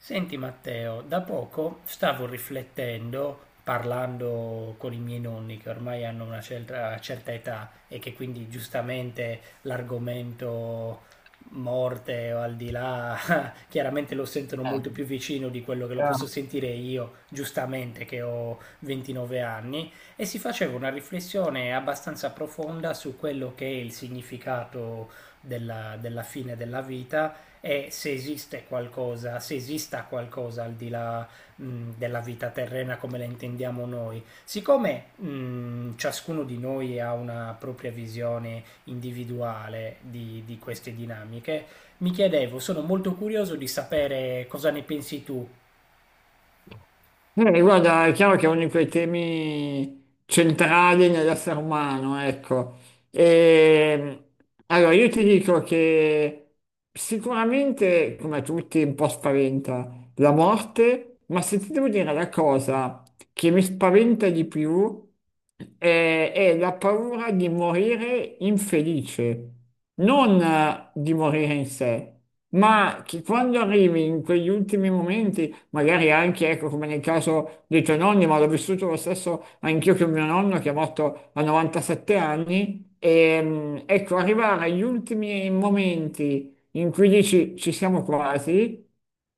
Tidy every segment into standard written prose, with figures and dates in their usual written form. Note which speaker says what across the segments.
Speaker 1: Senti Matteo, da poco stavo riflettendo, parlando con i miei nonni che ormai hanno una certa età e che quindi giustamente l'argomento morte o al di là chiaramente lo sentono
Speaker 2: Eh,
Speaker 1: molto più vicino di quello che lo posso
Speaker 2: Chiaro.
Speaker 1: sentire io, giustamente che ho 29 anni, e si faceva una riflessione abbastanza profonda su quello che è il significato della fine della vita e se esiste qualcosa, se esista qualcosa al di là della vita terrena come la intendiamo noi. Siccome ciascuno di noi ha una propria visione individuale di queste dinamiche, mi chiedevo, sono molto curioso di sapere cosa ne pensi tu.
Speaker 2: Guarda, è chiaro che è uno di quei temi centrali nell'essere umano, ecco. E, allora, io ti dico che sicuramente, come a tutti, un po' spaventa la morte, ma se ti devo dire la cosa che mi spaventa di più è la paura di morire infelice, non di morire in sé. Ma che quando arrivi in quegli ultimi momenti magari anche, ecco, come nel caso dei tuoi nonni, ma l'ho vissuto lo stesso anch'io che mio nonno che è morto a 97 anni. E, mm, ecco, arrivare agli ultimi momenti in cui dici ci siamo quasi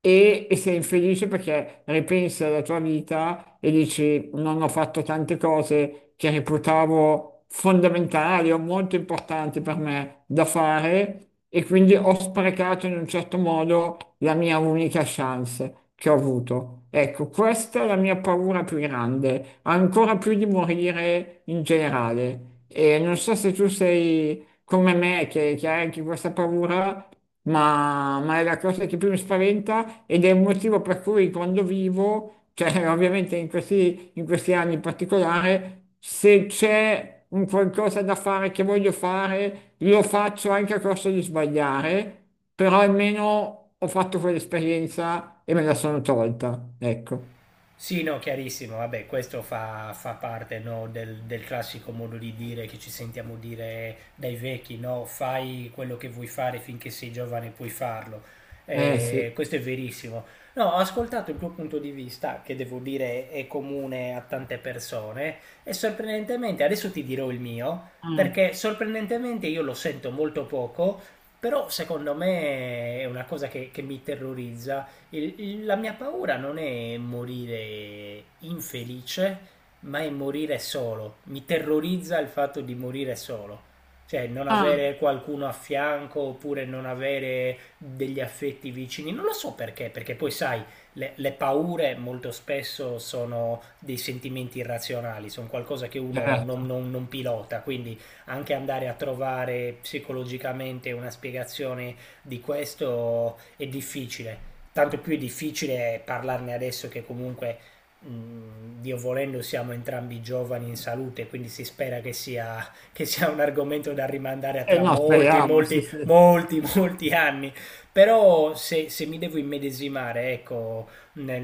Speaker 2: e sei infelice perché ripensi alla tua vita e dici non ho fatto tante cose che reputavo fondamentali o molto importanti per me da fare e quindi ho sprecato in un certo modo la mia unica chance che ho avuto. Ecco, questa è la mia paura più grande, ancora più di morire in generale. E non so se tu sei come me, che hai anche questa paura, ma è la cosa che più mi spaventa ed è il motivo per cui quando vivo, cioè ovviamente in in questi anni in particolare, se c'è un qualcosa da fare che voglio fare, lo faccio anche a costo di sbagliare, però almeno ho fatto quell'esperienza e me la sono tolta, ecco.
Speaker 1: Sì, no, chiarissimo, vabbè, questo fa parte, no, del classico modo di dire che ci sentiamo dire dai vecchi, no, fai quello che vuoi fare finché sei giovane puoi farlo.
Speaker 2: Eh sì.
Speaker 1: Questo è verissimo. No, ho ascoltato il tuo punto di vista, che devo dire è comune a tante persone, e sorprendentemente, adesso ti dirò il mio,
Speaker 2: Mm,
Speaker 1: perché sorprendentemente io lo sento molto poco, però secondo me è una cosa che mi terrorizza. La mia paura non è morire infelice, ma è morire solo. Mi terrorizza il fatto di morire solo. Cioè, non avere qualcuno a fianco oppure non avere degli affetti vicini. Non lo so perché, perché poi sai, le paure molto spesso sono dei sentimenti irrazionali, sono qualcosa che uno
Speaker 2: certo.
Speaker 1: non pilota, quindi anche andare a trovare psicologicamente una spiegazione di questo è difficile, tanto più è difficile parlarne adesso che comunque, Dio volendo, siamo entrambi giovani in salute, quindi si spera che sia un argomento da rimandare a
Speaker 2: E
Speaker 1: tra
Speaker 2: no,
Speaker 1: molti,
Speaker 2: speriamo, sì,
Speaker 1: molti,
Speaker 2: sì.
Speaker 1: molti, molti anni. Però se, se mi devo immedesimare, ecco,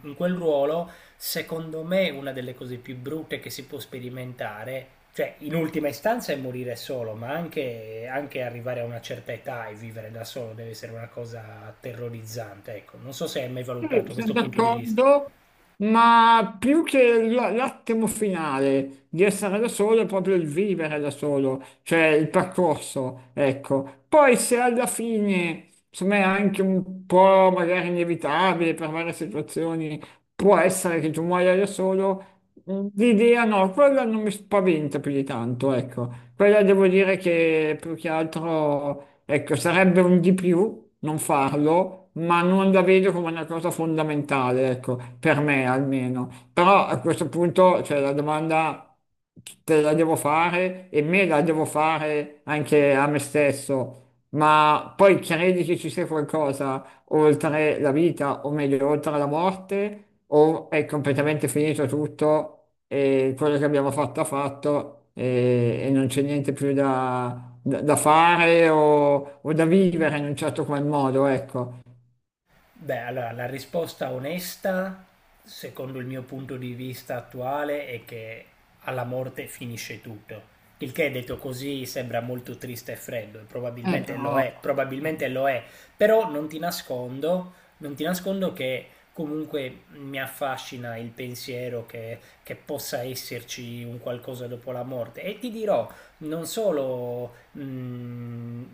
Speaker 1: in quel ruolo, secondo me una delle cose più brutte che si può sperimentare, cioè in ultima istanza è morire solo, ma anche, anche arrivare a una certa età e vivere da solo deve essere una cosa terrorizzante, ecco. Non so se hai mai
Speaker 2: Sì,
Speaker 1: valutato
Speaker 2: sono
Speaker 1: questo punto di vista.
Speaker 2: d'accordo, ma più che l'attimo finale di essere da solo è proprio il vivere da solo, cioè il percorso, ecco. Poi se alla fine, insomma, è anche un po' magari inevitabile per varie situazioni, può essere che tu muoia da solo, mm, l'idea no, quella non mi spaventa più di tanto, ecco. Quella devo dire che più che altro, ecco, sarebbe un di più non farlo, ma non la vedo come una cosa fondamentale, ecco, per me almeno. Però a questo punto, cioè, la domanda te la devo fare e me la devo fare anche a me stesso, ma poi credi che ci sia qualcosa oltre la vita, o meglio, oltre la morte, o è completamente finito tutto e quello che abbiamo fatto ha fatto e non c'è niente più da, da fare o da vivere in un certo qual modo, ecco.
Speaker 1: Beh, allora la risposta onesta, secondo il mio punto di vista attuale, è che alla morte finisce tutto. Il che detto così sembra molto triste e freddo, e
Speaker 2: Però,
Speaker 1: probabilmente lo è, però non ti nascondo che comunque mi affascina il pensiero che possa esserci un qualcosa dopo la morte. E ti dirò, non solo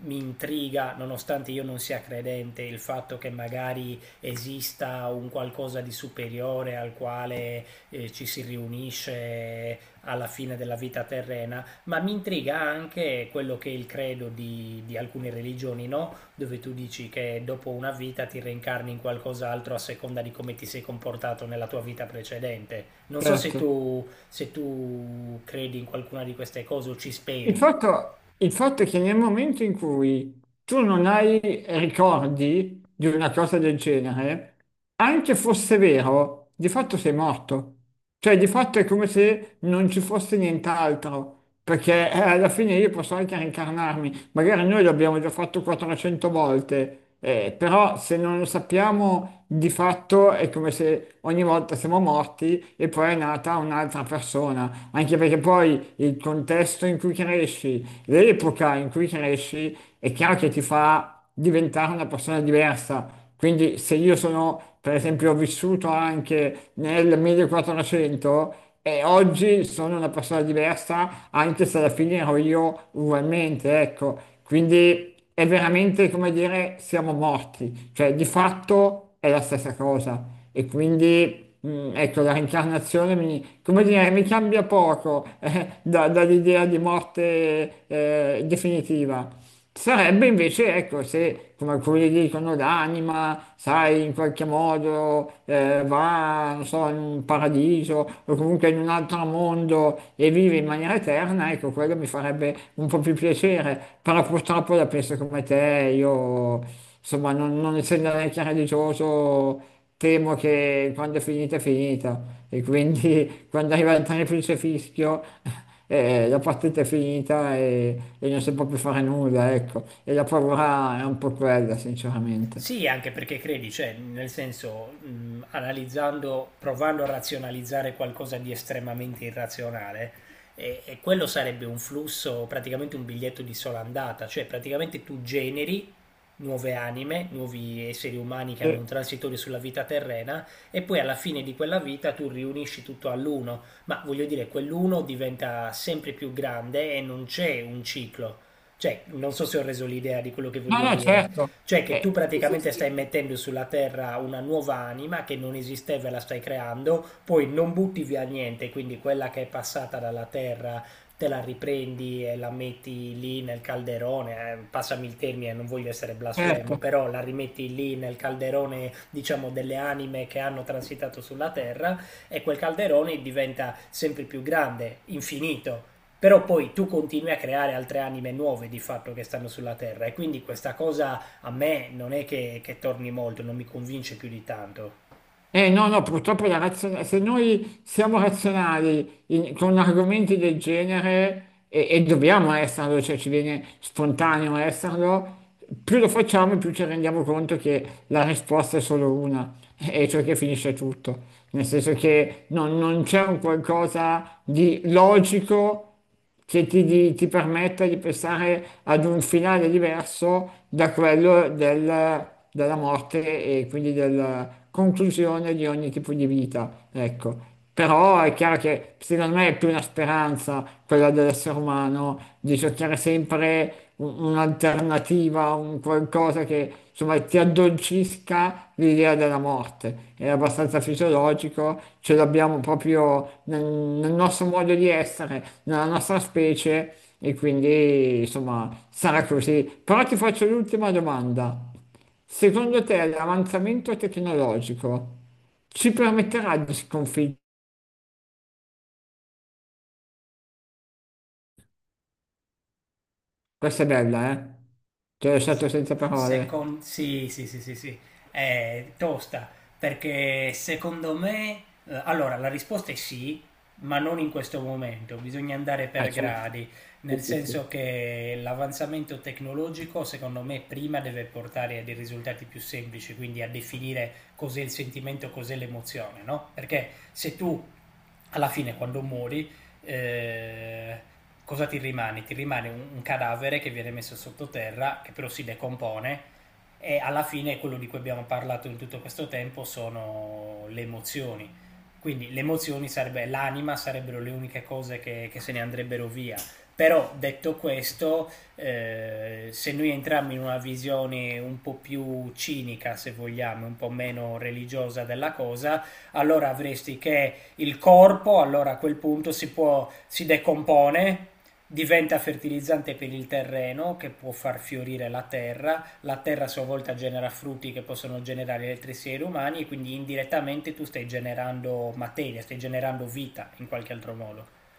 Speaker 1: mi intriga, nonostante io non sia credente, il fatto che magari esista un qualcosa di superiore al quale ci si riunisce alla fine della vita terrena, ma mi intriga anche quello che è il credo di alcune religioni, no? Dove tu dici che dopo una vita ti reincarni in qualcos'altro a seconda di come ti sei comportato nella tua vita precedente. Non so se
Speaker 2: certo.
Speaker 1: tu, se tu credi in qualcuna di queste cose o ci
Speaker 2: Il
Speaker 1: speri.
Speaker 2: fatto, il fatto è che nel momento in cui tu non hai ricordi di una cosa del genere, anche fosse vero, di fatto sei morto. Cioè, di fatto è come se non ci fosse nient'altro, perché alla fine io posso anche reincarnarmi. Magari noi l'abbiamo già fatto 400 volte, però se non lo sappiamo, di fatto è come se ogni volta siamo morti e poi è nata un'altra persona anche perché poi il contesto in cui cresci, l'epoca in cui cresci, è chiaro che ti fa diventare una persona diversa. Quindi se io sono, per esempio, ho vissuto anche nel 1400 e oggi sono una persona diversa, anche se alla fine ero io ugualmente, ecco. Quindi è veramente come dire siamo morti, cioè di fatto è la stessa cosa e quindi ecco la reincarnazione mi, come dire, mi cambia poco dall'idea di morte definitiva. Sarebbe invece, ecco, se come alcuni dicono l'anima, sai, in qualche modo va, non so, in un paradiso o comunque in un altro mondo e vive in maniera eterna, ecco, quello mi farebbe un po' più piacere. Però purtroppo la penso come te, io, insomma, non essendo neanche religioso, temo che quando è finita è finita. E quindi quando arriva il triplice fischio la partita è finita e non si può più fare nulla, ecco. E la paura è un po' quella, sinceramente.
Speaker 1: Sì, anche perché credi, cioè, nel senso, analizzando, provando a razionalizzare qualcosa di estremamente irrazionale, e quello sarebbe un flusso, praticamente un biglietto di sola andata, cioè praticamente tu generi nuove anime, nuovi esseri umani che hanno
Speaker 2: Eh.
Speaker 1: un transitorio sulla vita terrena e poi alla fine di quella vita tu riunisci tutto all'uno, ma voglio dire, quell'uno diventa sempre più grande e non c'è un ciclo. Cioè, non so se ho reso l'idea di quello che
Speaker 2: No,
Speaker 1: voglio
Speaker 2: no,
Speaker 1: dire.
Speaker 2: certo.
Speaker 1: Cioè che tu
Speaker 2: Sì, sì,
Speaker 1: praticamente
Speaker 2: sì,
Speaker 1: stai
Speaker 2: sì,
Speaker 1: mettendo sulla Terra una nuova anima che non esisteva e la stai creando, poi non butti via niente, quindi quella che è passata dalla Terra te la riprendi e la metti lì nel calderone, passami il termine, non voglio essere blasfemo,
Speaker 2: certo.
Speaker 1: però la rimetti lì nel calderone, diciamo, delle anime che hanno transitato sulla Terra e quel calderone diventa sempre più grande, infinito, però poi tu continui a creare altre anime nuove di fatto che stanno sulla Terra e quindi questa cosa a me non è che torni molto, non mi convince più di tanto.
Speaker 2: Eh no, no, purtroppo la se noi siamo razionali con argomenti del genere e dobbiamo esserlo, cioè ci viene spontaneo esserlo, più lo facciamo e più ci rendiamo conto che la risposta è solo una, e cioè che finisce tutto. Nel senso che non c'è un qualcosa di logico che ti, ti permetta di pensare ad un finale diverso da quello della morte e quindi della conclusione di ogni tipo di vita, ecco. Però è chiaro che secondo me è più una speranza quella dell'essere umano di cercare sempre un'alternativa, un qualcosa che insomma ti addolcisca l'idea della morte. È abbastanza fisiologico, ce l'abbiamo proprio nel nostro modo di essere, nella nostra specie e quindi insomma sarà così. Però ti faccio l'ultima domanda. Secondo te l'avanzamento tecnologico ci permetterà di sconfiggere? Questa è bella, eh? Ti ho lasciato senza parole.
Speaker 1: Sì, sì, sì, sì, sì, è tosta, perché secondo me, allora la risposta è sì, ma non in questo momento, bisogna andare per
Speaker 2: Certo.
Speaker 1: gradi,
Speaker 2: Sì,
Speaker 1: nel
Speaker 2: sì,
Speaker 1: senso
Speaker 2: sì.
Speaker 1: che l'avanzamento tecnologico secondo me prima deve portare a dei risultati più semplici, quindi a definire cos'è il sentimento, cos'è l'emozione, no? Perché se tu alla fine quando muori eh, cosa ti rimane? Ti rimane un cadavere che viene messo sottoterra, che però si decompone e alla fine quello di cui abbiamo parlato in tutto questo tempo sono le emozioni. Quindi le emozioni sarebbe l'anima, sarebbero le uniche cose che se ne andrebbero via. Però detto questo, se noi entriamo in una visione un po' più cinica, se vogliamo, un po' meno religiosa della cosa, allora avresti che il corpo, allora a quel punto si, può, si decompone, diventa fertilizzante per il terreno che può far fiorire la terra a sua volta genera frutti che possono generare altri esseri umani e quindi indirettamente tu stai generando materia, stai generando vita in qualche altro modo.